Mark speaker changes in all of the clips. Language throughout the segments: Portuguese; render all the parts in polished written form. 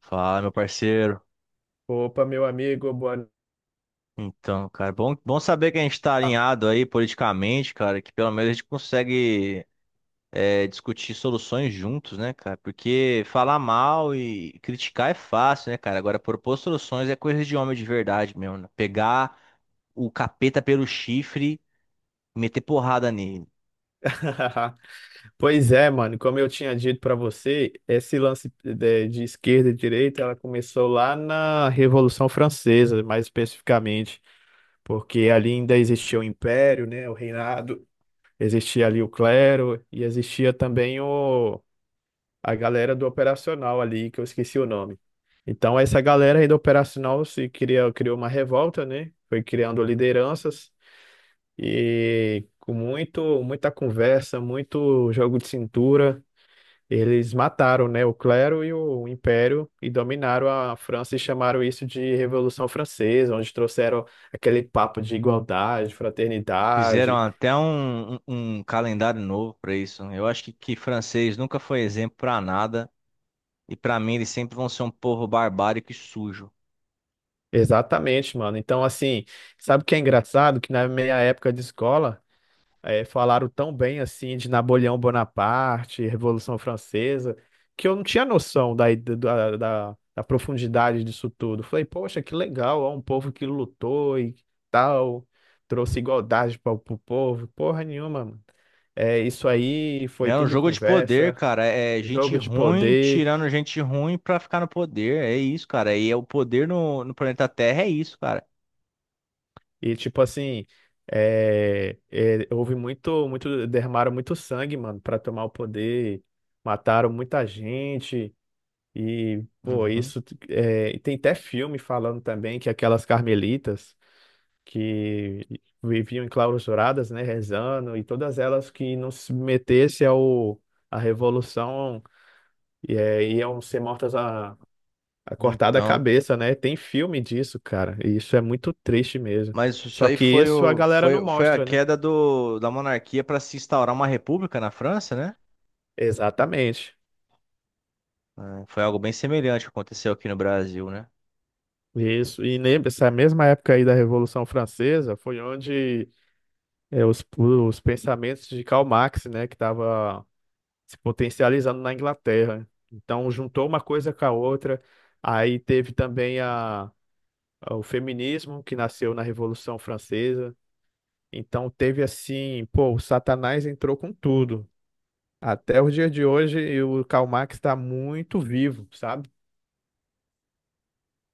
Speaker 1: Fala, meu parceiro.
Speaker 2: Opa, meu amigo, boa no-
Speaker 1: Então, cara, bom saber que a gente tá
Speaker 2: Ah.
Speaker 1: alinhado aí politicamente, cara, que pelo menos a gente consegue discutir soluções juntos, né, cara? Porque falar mal e criticar é fácil, né, cara? Agora, propor soluções é coisa de homem de verdade mesmo, né? Pegar o capeta pelo chifre e meter porrada nele.
Speaker 2: Pois é, mano, como eu tinha dito pra você, esse lance de esquerda e direita, ela começou lá na Revolução Francesa, mais especificamente, porque ali ainda existia o Império, né, o reinado, existia ali o clero e existia também a galera do operacional ali, que eu esqueci o nome. Então, essa galera aí do operacional se criou, criou uma revolta, né? Foi criando lideranças. E com muita conversa, muito jogo de cintura, eles mataram, né, o clero e o império e dominaram a França e chamaram isso de Revolução Francesa, onde trouxeram aquele papo de igualdade,
Speaker 1: Fizeram
Speaker 2: fraternidade.
Speaker 1: até um calendário novo pra isso, né? Eu acho que francês nunca foi exemplo pra nada. E pra mim, eles sempre vão ser um povo barbárico e sujo.
Speaker 2: Exatamente, mano. Então, assim, sabe o que é engraçado? Que na minha época de escola, é, falaram tão bem assim de Napoleão Bonaparte, Revolução Francesa, que eu não tinha noção da profundidade disso tudo. Falei, poxa, que legal, ó, um povo que lutou e tal, trouxe igualdade para o povo. Porra nenhuma, mano. É, isso aí foi
Speaker 1: É um
Speaker 2: tudo
Speaker 1: jogo de poder,
Speaker 2: conversa,
Speaker 1: cara. É gente
Speaker 2: jogo de
Speaker 1: ruim
Speaker 2: poder
Speaker 1: tirando gente ruim pra ficar no poder. É isso, cara. E é o poder no planeta Terra, é isso, cara.
Speaker 2: e tipo assim. Houve derramaram muito sangue, mano, para tomar o poder, mataram muita gente. E, pô,
Speaker 1: Uhum.
Speaker 2: tem até filme falando também que aquelas carmelitas que viviam enclausuradas, né, rezando, e todas elas que não se submetessem à revolução iam ser a cortada a
Speaker 1: Então,
Speaker 2: cabeça, né? Tem filme disso, cara, e isso é muito triste mesmo.
Speaker 1: mas isso
Speaker 2: Só
Speaker 1: aí
Speaker 2: que isso a galera não
Speaker 1: foi a
Speaker 2: mostra, né?
Speaker 1: queda da monarquia para se instaurar uma república na França, né?
Speaker 2: Exatamente.
Speaker 1: É, foi algo bem semelhante que aconteceu aqui no Brasil, né?
Speaker 2: Isso. E lembra, essa mesma época aí da Revolução Francesa foi onde, é, os pensamentos de Karl Marx, né, que estava se potencializando na Inglaterra. Então, juntou uma coisa com a outra. Aí teve também o feminismo, que nasceu na Revolução Francesa. Então, teve assim, pô, o Satanás entrou com tudo. Até o dia de hoje, e o Karl Marx está muito vivo, sabe?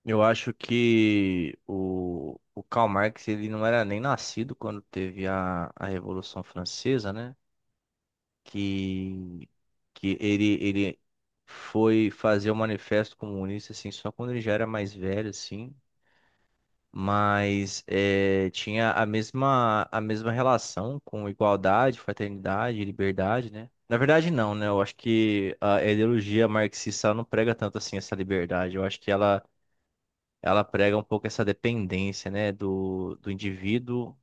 Speaker 1: Eu acho que o Karl Marx ele não era nem nascido quando teve a Revolução Francesa, né? que, Ele foi fazer o manifesto comunista assim só quando ele já era mais velho assim, mas tinha a mesma relação com igualdade, fraternidade e liberdade, né? Na verdade não, né? Eu acho que a ideologia marxista ela não prega tanto assim essa liberdade. Eu acho que ela prega um pouco essa dependência, né, do indivíduo.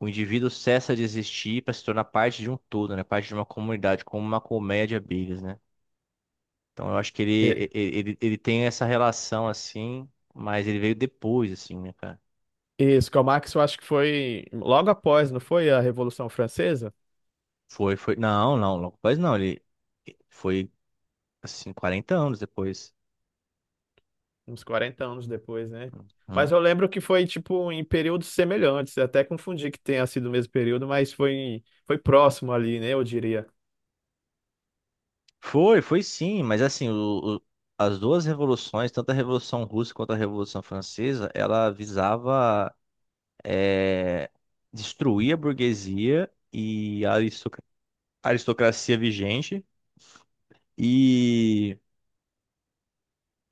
Speaker 1: O indivíduo cessa de existir para se tornar parte de um todo, né? Parte de uma comunidade, como uma colmeia de abelhas, né? Então eu acho que
Speaker 2: É,
Speaker 1: ele tem essa relação assim, mas ele veio depois, assim, né, cara?
Speaker 2: isso, Karl Marx eu acho que foi logo após, não foi a Revolução Francesa?
Speaker 1: Foi, foi. Não, não, logo depois não. Ele foi, assim, 40 anos depois.
Speaker 2: Uns 40 anos depois, né? Mas
Speaker 1: Hum.
Speaker 2: eu lembro que foi, tipo, em períodos semelhantes. Eu até confundi que tenha sido o mesmo período, mas foi próximo ali, né? Eu diria.
Speaker 1: Foi, foi sim, mas assim, as duas revoluções, tanto a Revolução Russa quanto a Revolução Francesa, ela visava eh, destruir a burguesia e a aristocracia vigente e,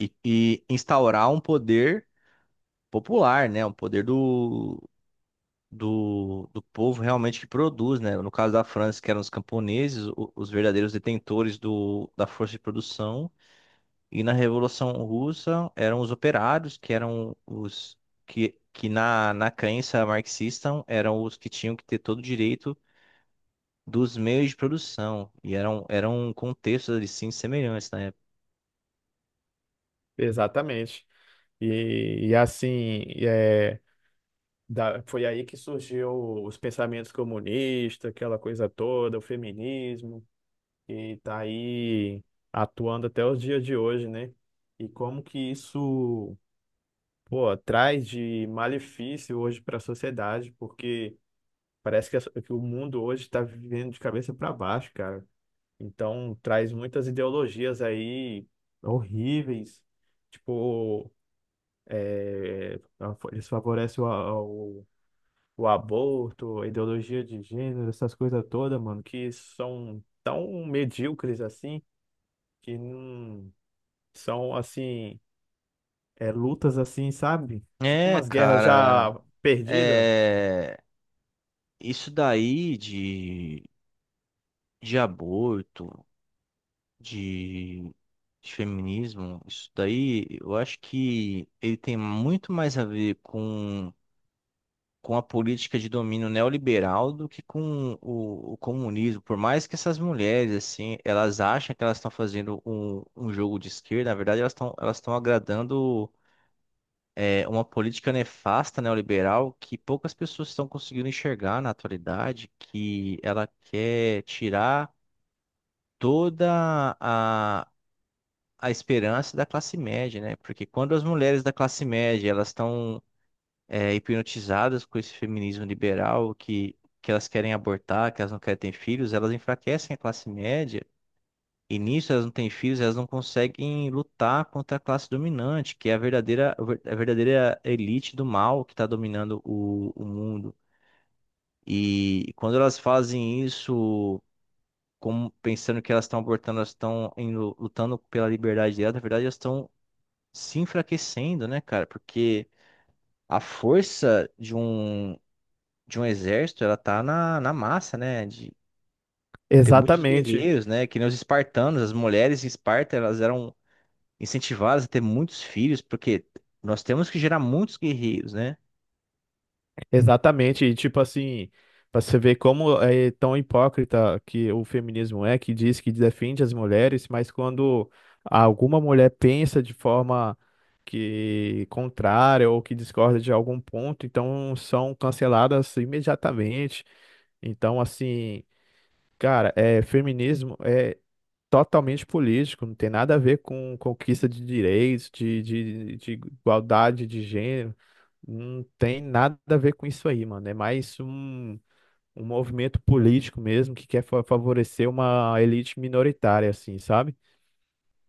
Speaker 1: e instaurar um poder popular, né? Um poder do povo realmente que produz, né? No caso da França, que eram os camponeses, os verdadeiros detentores da força de produção. E na Revolução Russa eram os operários, que eram que na crença marxista eram os que tinham que ter todo o direito dos meios de produção. E eram contextos, assim, semelhantes, né?
Speaker 2: Exatamente. E, foi aí que surgiu os pensamentos comunistas, aquela coisa toda, o feminismo, e tá aí atuando até os dias de hoje, né? E como que isso, pô, traz de malefício hoje para a sociedade, porque parece que, que o mundo hoje está vivendo de cabeça para baixo, cara. Então, traz muitas ideologias aí horríveis. Tipo, é, eles favorecem o aborto, a ideologia de gênero, essas coisas todas, mano, que são tão medíocres assim, que não são assim, é, lutas assim, sabe? Tipo
Speaker 1: É,
Speaker 2: umas guerras
Speaker 1: cara,
Speaker 2: já perdidas.
Speaker 1: é isso daí de aborto, de, de feminismo. Isso daí eu acho que ele tem muito mais a ver com a política de domínio neoliberal do que com o comunismo. Por mais que essas mulheres, assim, elas acham que elas estão fazendo um jogo de esquerda, na verdade elas estão agradando. É, uma política nefasta neoliberal que poucas pessoas estão conseguindo enxergar na atualidade, que ela quer tirar toda a, a esperança da classe média, né? Porque quando as mulheres da classe média elas estão hipnotizadas com esse feminismo liberal que elas querem abortar, que elas não querem ter filhos, elas enfraquecem a classe média e nisso elas não têm filhos, elas não conseguem lutar contra a classe dominante, que é a verdadeira elite do mal que está dominando o mundo. E quando elas fazem isso, como pensando que elas estão abortando, elas lutando pela liberdade delas, na verdade elas estão se enfraquecendo, né, cara? Porque a força de um exército, ela tá na massa, né? De ter muitos
Speaker 2: Exatamente.
Speaker 1: guerreiros, né? Que nem os espartanos, as mulheres em Esparta, elas eram incentivadas a ter muitos filhos, porque nós temos que gerar muitos guerreiros, né?
Speaker 2: Exatamente, e tipo assim, para você ver como é tão hipócrita que o feminismo é, que diz que defende as mulheres, mas quando alguma mulher pensa de forma que contrária ou que discorda de algum ponto, então são canceladas imediatamente. Então, assim, cara, é feminismo, é totalmente político, não tem nada a ver com conquista de direitos, de igualdade de gênero, não tem nada a ver com isso aí, mano. É mais um, um movimento político mesmo que quer favorecer uma elite minoritária, assim, sabe?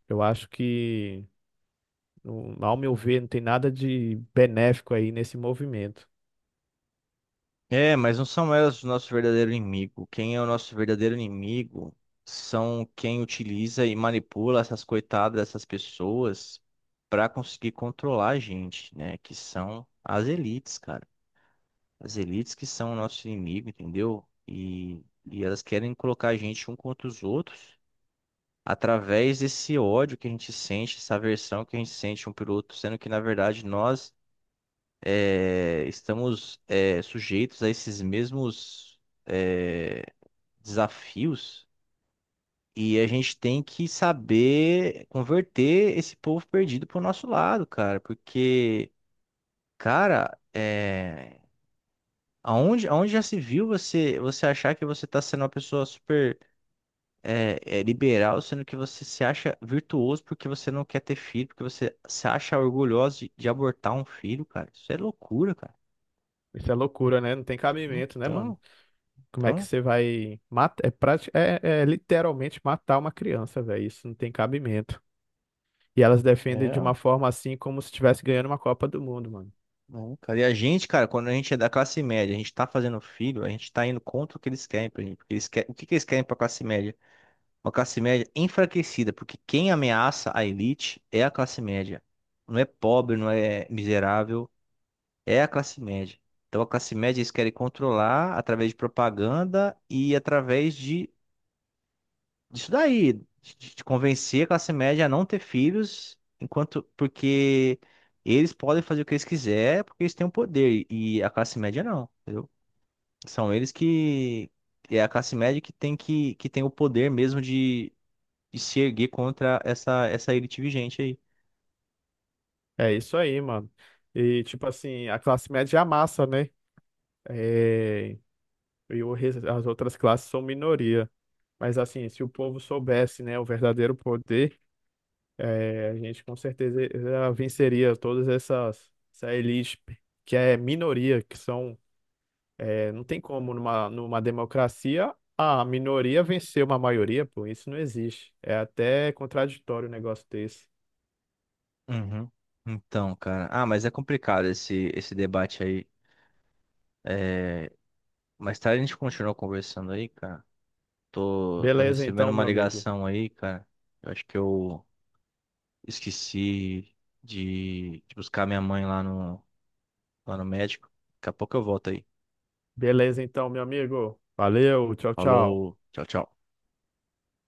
Speaker 2: Eu acho que, ao meu ver, não tem nada de benéfico aí nesse movimento.
Speaker 1: É, mas não são elas o nosso verdadeiro inimigo. Quem é o nosso verdadeiro inimigo são quem utiliza e manipula essas coitadas, dessas pessoas, para conseguir controlar a gente, né? Que são as elites, cara. As elites que são o nosso inimigo, entendeu? E elas querem colocar a gente um contra os outros através desse ódio que a gente sente, essa aversão que a gente sente um pelo outro, sendo que, na verdade, nós estamos sujeitos a esses mesmos é, desafios, e a gente tem que saber converter esse povo perdido para o nosso lado, cara, porque, cara, é, aonde já se viu você, você achar que você está sendo uma pessoa super liberal, sendo que você se acha virtuoso porque você não quer ter filho, porque você se acha orgulhoso de abortar um filho, cara. Isso é loucura, cara.
Speaker 2: Isso é loucura, né? Não tem cabimento, né, mano?
Speaker 1: Então,
Speaker 2: Como é que
Speaker 1: então,
Speaker 2: você vai matar? É literalmente matar uma criança, velho. Isso não tem cabimento. E elas defendem de uma
Speaker 1: é.
Speaker 2: forma assim como se estivesse ganhando uma Copa do Mundo, mano.
Speaker 1: Não, cara. E a gente, cara, quando a gente é da classe média, a gente tá fazendo filho, a gente tá indo contra o que eles querem pra gente. Porque eles querem... O que que eles querem pra classe média? Uma classe média enfraquecida, porque quem ameaça a elite é a classe média. Não é pobre, não é miserável, é a classe média. Então a classe média eles querem controlar através de propaganda e através de disso daí, de convencer a classe média a não ter filhos, enquanto porque eles podem fazer o que eles quiserem, porque eles têm o poder e a classe média não, entendeu? São eles que É a classe média que que tem o poder mesmo de se erguer contra essa elite vigente aí.
Speaker 2: É isso aí, mano. E tipo assim, a classe média é a massa, né? É, e o as outras classes são minoria. Mas assim, se o povo soubesse, né, o verdadeiro poder, é, a gente com certeza venceria todas essa elite que é minoria, que são, é, não tem como numa democracia a minoria vencer uma maioria, pô, isso não existe. É até contraditório um negócio desse.
Speaker 1: Uhum. Então, cara, ah, mas é complicado esse debate aí. É... Mais tarde a gente continua conversando aí, cara. Tô
Speaker 2: Beleza
Speaker 1: recebendo
Speaker 2: então,
Speaker 1: uma
Speaker 2: meu amigo.
Speaker 1: ligação aí, cara. Eu acho que eu Esqueci de buscar minha mãe lá no médico. Daqui a pouco eu volto aí.
Speaker 2: Beleza então, meu amigo. Valeu, tchau, tchau.
Speaker 1: Falou, tchau, tchau.